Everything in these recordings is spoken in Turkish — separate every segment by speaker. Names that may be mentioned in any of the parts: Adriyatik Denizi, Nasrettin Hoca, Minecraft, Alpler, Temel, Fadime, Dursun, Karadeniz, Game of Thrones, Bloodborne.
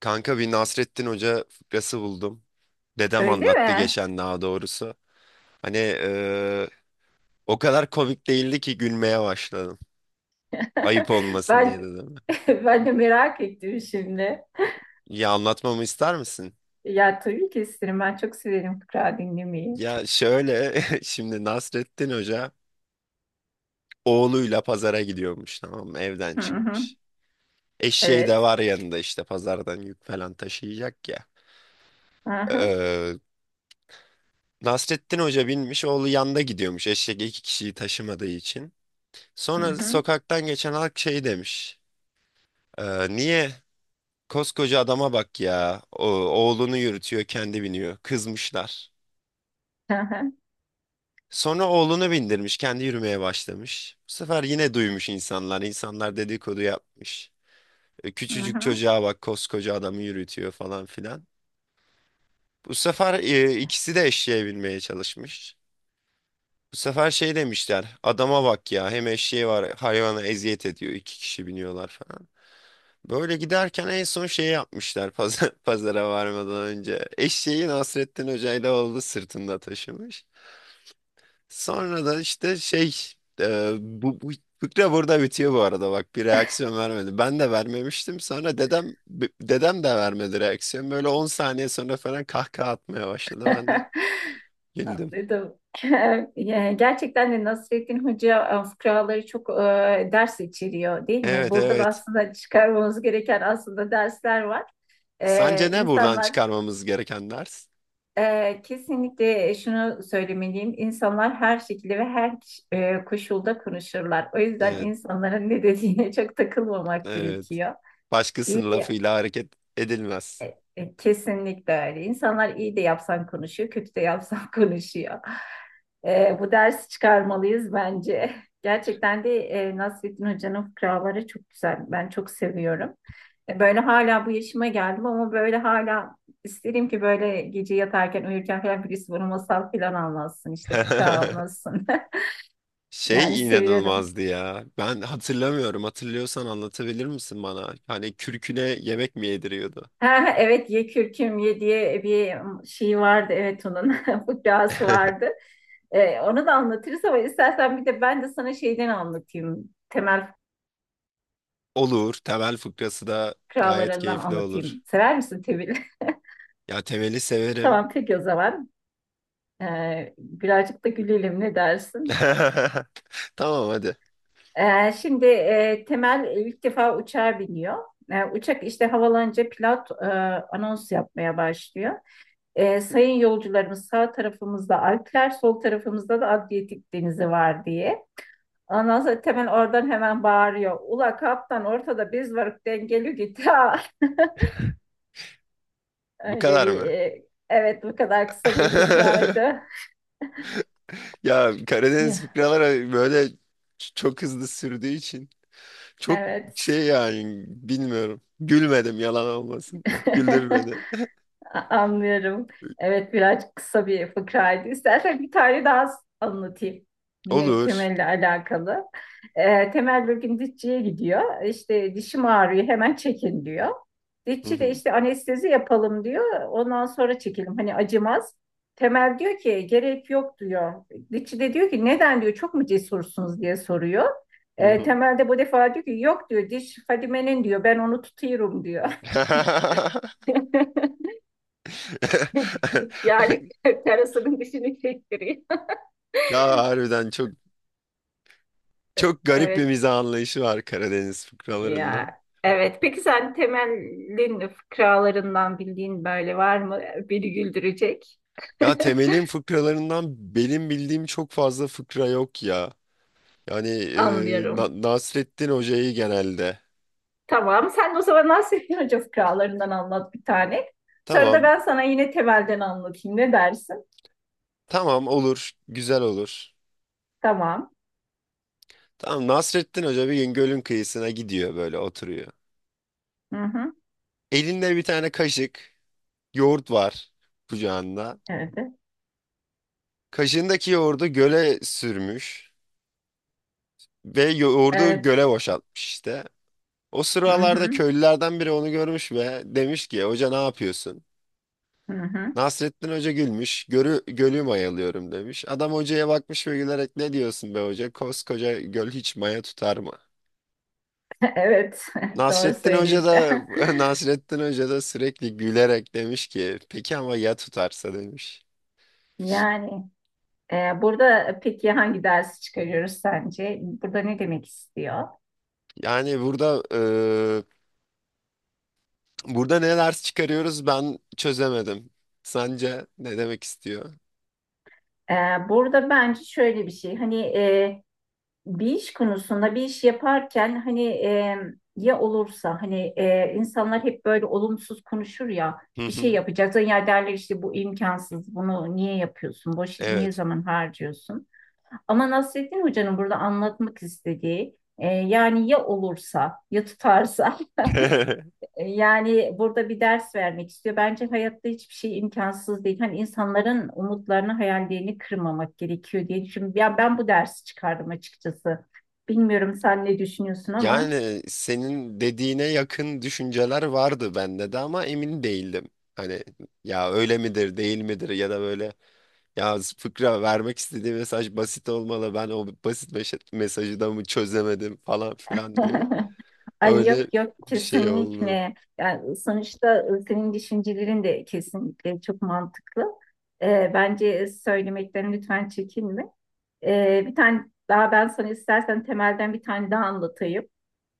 Speaker 1: Kanka bir Nasrettin Hoca fıkrası buldum. Dedem
Speaker 2: Öyle
Speaker 1: anlattı
Speaker 2: mi?
Speaker 1: geçen daha doğrusu. Hani o kadar komik değildi ki gülmeye başladım. Ayıp olmasın diye
Speaker 2: Ben
Speaker 1: dedim.
Speaker 2: ben de merak ettim şimdi.
Speaker 1: Ya anlatmamı ister misin?
Speaker 2: Ya tabii ki isterim. Ben çok severim fıkra dinlemeyi.
Speaker 1: Ya şöyle şimdi Nasrettin Hoca oğluyla pazara gidiyormuş, tamam mı? Evden
Speaker 2: Hı hı.
Speaker 1: çıkmış. Eşeği de
Speaker 2: Evet.
Speaker 1: var yanında, işte pazardan yük falan taşıyacak ya.
Speaker 2: Hı hı.
Speaker 1: Eee, Nasrettin Hoca binmiş, oğlu yanda gidiyormuş, eşek iki kişiyi taşımadığı için.
Speaker 2: Hı
Speaker 1: Sonra
Speaker 2: hı.
Speaker 1: sokaktan geçen halk şey demiş. Niye? Koskoca adama bak ya. O, oğlunu yürütüyor, kendi biniyor. Kızmışlar.
Speaker 2: Hı hı.
Speaker 1: Sonra oğlunu bindirmiş, kendi yürümeye başlamış. Bu sefer yine duymuş insanlar. İnsanlar dedikodu yapmış.
Speaker 2: Hı
Speaker 1: Küçücük
Speaker 2: hı.
Speaker 1: çocuğa bak, koskoca adamı yürütüyor falan filan. Bu sefer ikisi de eşeğe binmeye çalışmış. Bu sefer şey demişler, adama bak ya, hem eşeği var, hayvana eziyet ediyor, iki kişi biniyorlar falan. Böyle giderken en son şey yapmışlar pazar, pazara varmadan önce. Eşeği Nasrettin Hoca oldu sırtında taşımış. Sonra da işte şey bu fıkra burada bitiyor. Bu arada bak, bir reaksiyon vermedi. Ben de vermemiştim, sonra dedem de vermedi reaksiyon. Böyle 10 saniye sonra falan kahkaha atmaya başladı, ben de güldüm.
Speaker 2: Anladım. Ya, gerçekten de Nasrettin Hoca fıkraları çok ders içeriyor değil mi?
Speaker 1: Evet
Speaker 2: Burada da
Speaker 1: evet.
Speaker 2: aslında çıkarmamız gereken aslında dersler var.
Speaker 1: Sence
Speaker 2: E,
Speaker 1: ne buradan
Speaker 2: insanlar
Speaker 1: çıkarmamız gereken ders?
Speaker 2: Kesinlikle şunu söylemeliyim. İnsanlar her şekilde ve her koşulda konuşurlar. O yüzden
Speaker 1: Evet
Speaker 2: insanların ne dediğine çok takılmamak
Speaker 1: evet.
Speaker 2: gerekiyor. İyi.
Speaker 1: Başkasının lafıyla hareket edilmez.
Speaker 2: Kesinlikle öyle. İnsanlar iyi de yapsan konuşuyor, kötü de yapsan konuşuyor. Bu dersi çıkarmalıyız bence. Gerçekten de Nasrettin Hoca'nın fıkraları çok güzel. Ben çok seviyorum. Böyle hala bu yaşıma geldim ama böyle hala isterim ki böyle gece yatarken uyurken falan birisi bana masal falan anlatsın işte fıkra anlatsın. Yani
Speaker 1: Şey
Speaker 2: seviyorum.
Speaker 1: inanılmazdı ya. Ben hatırlamıyorum. Hatırlıyorsan anlatabilir misin bana? Hani kürküne yemek mi yediriyordu?
Speaker 2: Ha, evet, ye kürküm ye diye bir şey vardı, evet, onun fıkrası vardı. Onu da anlatırız ama istersen bir de ben de sana şeyden anlatayım. Temel
Speaker 1: Olur. Temel fıkrası da gayet
Speaker 2: fıkralarından
Speaker 1: keyifli olur.
Speaker 2: anlatayım. Sever misin Temel?
Speaker 1: Ya Temel'i severim.
Speaker 2: Tamam peki o zaman. Birazcık da gülelim ne dersin?
Speaker 1: Tamam hadi.
Speaker 2: Şimdi Temel ilk defa uçağa biniyor. Uçak işte havalanınca pilot anons yapmaya başlıyor. Sayın yolcularımız, sağ tarafımızda Alpler, sol tarafımızda da Adriyatik Denizi var diye. Ondan sonra Temel oradan hemen bağırıyor. Ula kaptan, ortada biz varık, dengeli git ha.
Speaker 1: Bu
Speaker 2: Öyle
Speaker 1: kadar
Speaker 2: bir
Speaker 1: mı?
Speaker 2: e, evet, bu kadar kısa bir fıkraydı.
Speaker 1: Ya Karadeniz
Speaker 2: Ya,
Speaker 1: fıkraları böyle çok hızlı sürdüğü için çok
Speaker 2: evet.
Speaker 1: şey, yani bilmiyorum. Gülmedim, yalan olmasın. Güldür beni.
Speaker 2: Anlıyorum. Evet, biraz kısa bir fıkraydı. İstersen bir tane daha anlatayım. Yine
Speaker 1: Olur.
Speaker 2: Temel'le alakalı. Temel bir gün dişçiye gidiyor. İşte dişim ağrıyor, hemen çekin diyor.
Speaker 1: Hı
Speaker 2: Dişçi de
Speaker 1: hı,
Speaker 2: işte anestezi yapalım diyor. Ondan sonra çekelim, hani acımaz. Temel diyor ki gerek yok diyor. Dişçi de diyor ki neden diyor, çok mu cesursunuz diye soruyor.
Speaker 1: hı
Speaker 2: Temel de bu defa diyor ki yok diyor, diş Fadime'nin diyor, ben onu tutuyorum diyor.
Speaker 1: hı.
Speaker 2: Yani terasının dışını çektiriyor.
Speaker 1: Ya harbiden çok çok garip bir
Speaker 2: Evet.
Speaker 1: mizah anlayışı var Karadeniz
Speaker 2: Ya,
Speaker 1: fıkralarında.
Speaker 2: evet. Peki sen temelin fıkralarından bildiğin böyle var mı? Beni güldürecek.
Speaker 1: Ya Temel'in fıkralarından benim bildiğim çok fazla fıkra yok ya. Yani
Speaker 2: Anlıyorum.
Speaker 1: Nasrettin Hoca'yı genelde.
Speaker 2: Tamam. Sen de o zaman Nasrettin Hoca fıkralarından anlat bir tane. Sonra da
Speaker 1: Tamam,
Speaker 2: ben sana yine temelden anlatayım. Ne dersin?
Speaker 1: tamam olur, güzel olur.
Speaker 2: Tamam.
Speaker 1: Tamam, Nasrettin Hoca bir gün gölün kıyısına gidiyor, böyle oturuyor.
Speaker 2: Hı hı.
Speaker 1: Elinde bir tane kaşık, yoğurt var kucağında.
Speaker 2: Evet.
Speaker 1: Kaşığındaki yoğurdu göle sürmüş ve yoğurdu
Speaker 2: Evet.
Speaker 1: göle boşaltmış işte. O
Speaker 2: Hı
Speaker 1: sıralarda
Speaker 2: hı.
Speaker 1: köylülerden biri onu görmüş ve demiş ki hoca ne yapıyorsun?
Speaker 2: Hı hı.
Speaker 1: Nasrettin Hoca gülmüş, gölü mayalıyorum demiş. Adam hocaya bakmış ve gülerek ne diyorsun be hoca? Koskoca göl hiç maya tutar mı?
Speaker 2: Evet. Doğru
Speaker 1: Nasrettin Hoca
Speaker 2: söylüyorsun.
Speaker 1: da Nasrettin Hoca da sürekli gülerek demiş ki peki ama ya tutarsa demiş.
Speaker 2: Yani. Burada peki hangi dersi çıkarıyoruz sence? Burada ne demek istiyor?
Speaker 1: Yani burada burada ne ders çıkarıyoruz, ben çözemedim. Sence ne demek istiyor?
Speaker 2: Ee, Burada bence şöyle bir şey. Hani bir iş konusunda bir iş yaparken hani ya olursa, hani insanlar hep böyle olumsuz konuşur ya,
Speaker 1: Hı
Speaker 2: bir şey
Speaker 1: hı.
Speaker 2: yapacaksın, ya derler işte bu imkansız, bunu niye yapıyorsun, boş yere niye
Speaker 1: Evet.
Speaker 2: zaman harcıyorsun, ama Nasrettin Hoca'nın burada anlatmak istediği yani ya olursa, ya tutarsa. Yani burada bir ders vermek istiyor. Bence hayatta hiçbir şey imkansız değil. Hani insanların umutlarını, hayallerini kırmamak gerekiyor diye düşünüyorum. Ya, ben bu dersi çıkardım açıkçası. Bilmiyorum sen ne düşünüyorsun ama.
Speaker 1: Yani senin dediğine yakın düşünceler vardı bende de ama emin değildim. Hani ya öyle midir değil midir, ya da böyle ya fıkra vermek istediği mesaj basit olmalı, ben o basit mesajı da mı çözemedim falan filan diye.
Speaker 2: Ay
Speaker 1: Öyle
Speaker 2: yok yok,
Speaker 1: bir şey oldu.
Speaker 2: kesinlikle. Yani sonuçta senin düşüncelerin de kesinlikle çok mantıklı. Bence söylemekten lütfen çekinme. E, bir tane daha Ben sana istersen temelden bir tane daha anlatayım.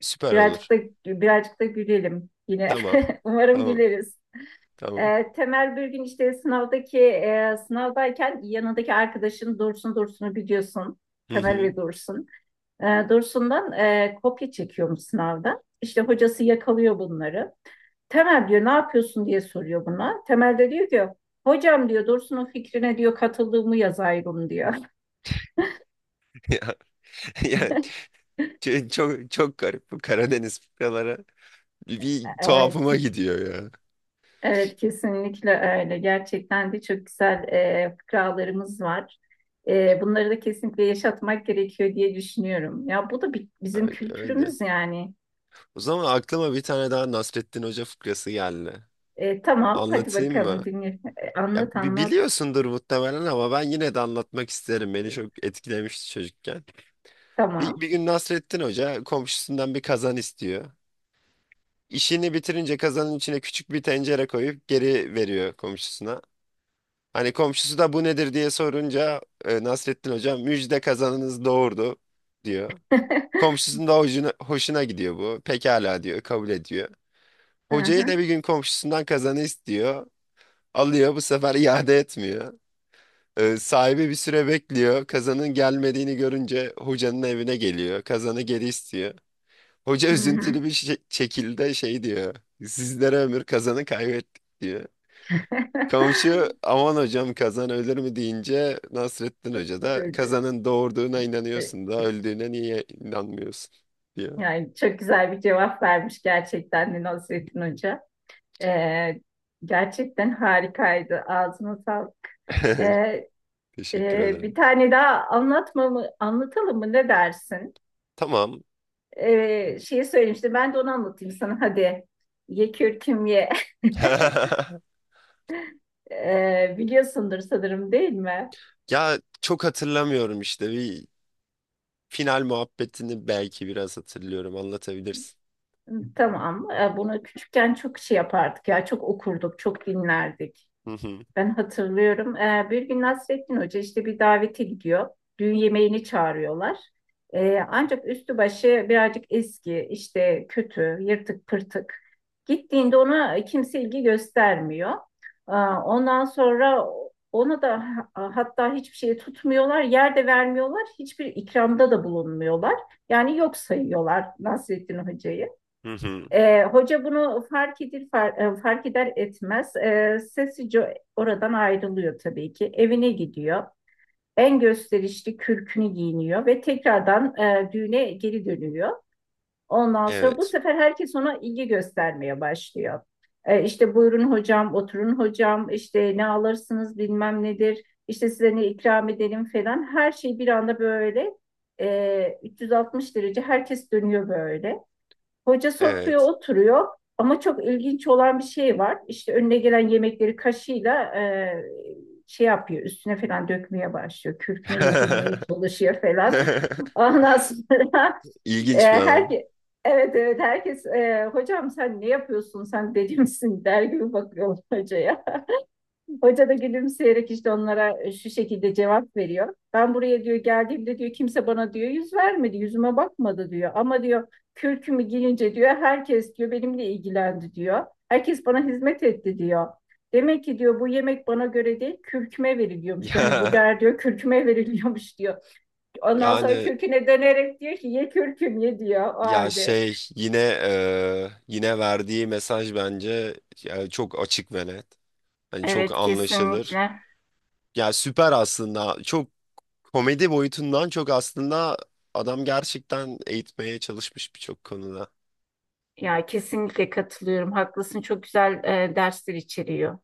Speaker 1: Süper olur.
Speaker 2: Birazcık da birazcık da gülelim yine.
Speaker 1: Tamam
Speaker 2: Umarım
Speaker 1: tamam
Speaker 2: güleriz.
Speaker 1: tamam.
Speaker 2: Temel bir gün işte sınavdayken yanındaki arkadaşın Dursun'u biliyorsun.
Speaker 1: Hı
Speaker 2: Temel
Speaker 1: hı.
Speaker 2: ve Dursun. Dursun'dan kopya çekiyormuş sınavda. İşte hocası yakalıyor bunları. Temel diyor ne yapıyorsun diye soruyor buna. Temel de diyor ki hocam diyor Dursun'un fikrine diyor katıldığımı yazayım diyor.
Speaker 1: Ya, yani çok çok garip bu Karadeniz fıkraları, bir
Speaker 2: Ee,
Speaker 1: tuhafıma gidiyor ya.
Speaker 2: Evet kesinlikle öyle. Gerçekten de çok güzel fıkralarımız var. Bunları da kesinlikle yaşatmak gerekiyor diye düşünüyorum. Ya bu da bi- bizim
Speaker 1: Öyle, öyle.
Speaker 2: kültürümüz yani.
Speaker 1: O zaman aklıma bir tane daha Nasrettin Hoca fıkrası geldi.
Speaker 2: Tamam hadi
Speaker 1: Anlatayım mı?
Speaker 2: bakalım dinle.
Speaker 1: Ya
Speaker 2: Anlat anlat.
Speaker 1: biliyorsundur muhtemelen ama ben yine de anlatmak isterim. Beni
Speaker 2: E,
Speaker 1: çok etkilemişti çocukken. Bir,
Speaker 2: Tamam.
Speaker 1: bir gün Nasrettin Hoca komşusundan bir kazan istiyor. İşini bitirince kazanın içine küçük bir tencere koyup geri veriyor komşusuna. Hani komşusu da bu nedir diye sorunca Nasrettin Hoca müjde kazanınız doğurdu diyor. Komşusunun da hoşuna gidiyor bu. Pekala diyor, kabul ediyor.
Speaker 2: Hı
Speaker 1: Hoca yine
Speaker 2: hı,
Speaker 1: bir gün komşusundan kazanı istiyor. Alıyor, bu sefer iade etmiyor. Sahibi bir süre bekliyor. Kazanın gelmediğini görünce hocanın evine geliyor. Kazanı geri istiyor. Hoca
Speaker 2: hı hı.
Speaker 1: üzüntülü bir şekilde şey diyor. Sizlere ömür, kazanı kaybettik diyor. Komşu aman hocam kazan ölür mü deyince Nasrettin Hoca da
Speaker 2: Dur, dur.
Speaker 1: kazanın doğurduğuna
Speaker 2: E,
Speaker 1: inanıyorsun da öldüğüne niye inanmıyorsun diyor.
Speaker 2: Yani çok güzel bir cevap vermiş gerçekten de Nasrettin Hoca. E, Gerçekten harikaydı. Ağzına sağlık. E,
Speaker 1: Teşekkür
Speaker 2: Bir
Speaker 1: ederim.
Speaker 2: tane daha anlatalım mı, ne dersin?
Speaker 1: Tamam.
Speaker 2: Şeyi söylemişti, ben de onu anlatayım sana hadi. Ye kürküm ye. Biliyorsundur sanırım değil mi?
Speaker 1: Ya çok hatırlamıyorum, işte bir final muhabbetini belki biraz hatırlıyorum, anlatabilirsin.
Speaker 2: Tamam. Bunu küçükken çok şey yapardık ya, çok okurduk, çok dinlerdik.
Speaker 1: Hı hı,
Speaker 2: Ben hatırlıyorum. Bir gün Nasrettin Hoca işte bir davete gidiyor. Düğün yemeğini çağırıyorlar. Ancak üstü başı birazcık eski, işte kötü, yırtık pırtık. Gittiğinde ona kimse ilgi göstermiyor. Ee, ondan sonra ona da ha- Hatta hiçbir şey tutmuyorlar, yer de vermiyorlar, hiçbir ikramda da bulunmuyorlar. Yani yok sayıyorlar Nasrettin Hoca'yı.
Speaker 1: hı hı.
Speaker 2: Hoca bunu fark eder etmez sessizce oradan ayrılıyor tabii ki. Evine gidiyor. En gösterişli kürkünü giyiniyor ve tekrardan düğüne geri dönüyor. Ondan sonra bu
Speaker 1: Evet.
Speaker 2: sefer herkes ona ilgi göstermeye başlıyor. İşte buyurun hocam, oturun hocam, işte ne alırsınız bilmem nedir, işte size ne ikram edelim falan. Her şey bir anda böyle 360 derece herkes dönüyor böyle. Hoca sofraya
Speaker 1: Evet.
Speaker 2: oturuyor ama çok ilginç olan bir şey var. İşte önüne gelen yemekleri kaşıyla şey yapıyor, üstüne falan dökmeye başlıyor. Kürküne yedirmeye çalışıyor falan. Ondan sonra e,
Speaker 1: İlginç bir adam.
Speaker 2: herke- Evet evet, herkes hocam sen ne yapıyorsun, sen deli misin der gibi bakıyor hocaya. Hoca da gülümseyerek işte onlara şu şekilde cevap veriyor. Ben buraya diyor geldiğimde diyor kimse bana diyor yüz vermedi, yüzüme bakmadı diyor. Ama diyor kürkümü giyince diyor herkes diyor benimle ilgilendi diyor. Herkes bana hizmet etti diyor. Demek ki diyor bu yemek bana göre değil, kürküme veriliyormuş. Yani bu
Speaker 1: Ya
Speaker 2: der diyor, kürküme veriliyormuş diyor. Ondan sonra
Speaker 1: yani
Speaker 2: kürküne dönerek diyor ki ye kürküm ye diyor o
Speaker 1: ya
Speaker 2: halde.
Speaker 1: şey yine yine verdiği mesaj bence ya, çok açık ve net. Hani çok
Speaker 2: Evet
Speaker 1: anlaşılır.
Speaker 2: kesinlikle.
Speaker 1: Ya süper aslında. Çok komedi boyutundan çok aslında adam gerçekten eğitmeye çalışmış birçok konuda.
Speaker 2: Ya kesinlikle katılıyorum. Haklısın. Çok güzel dersler içeriyor.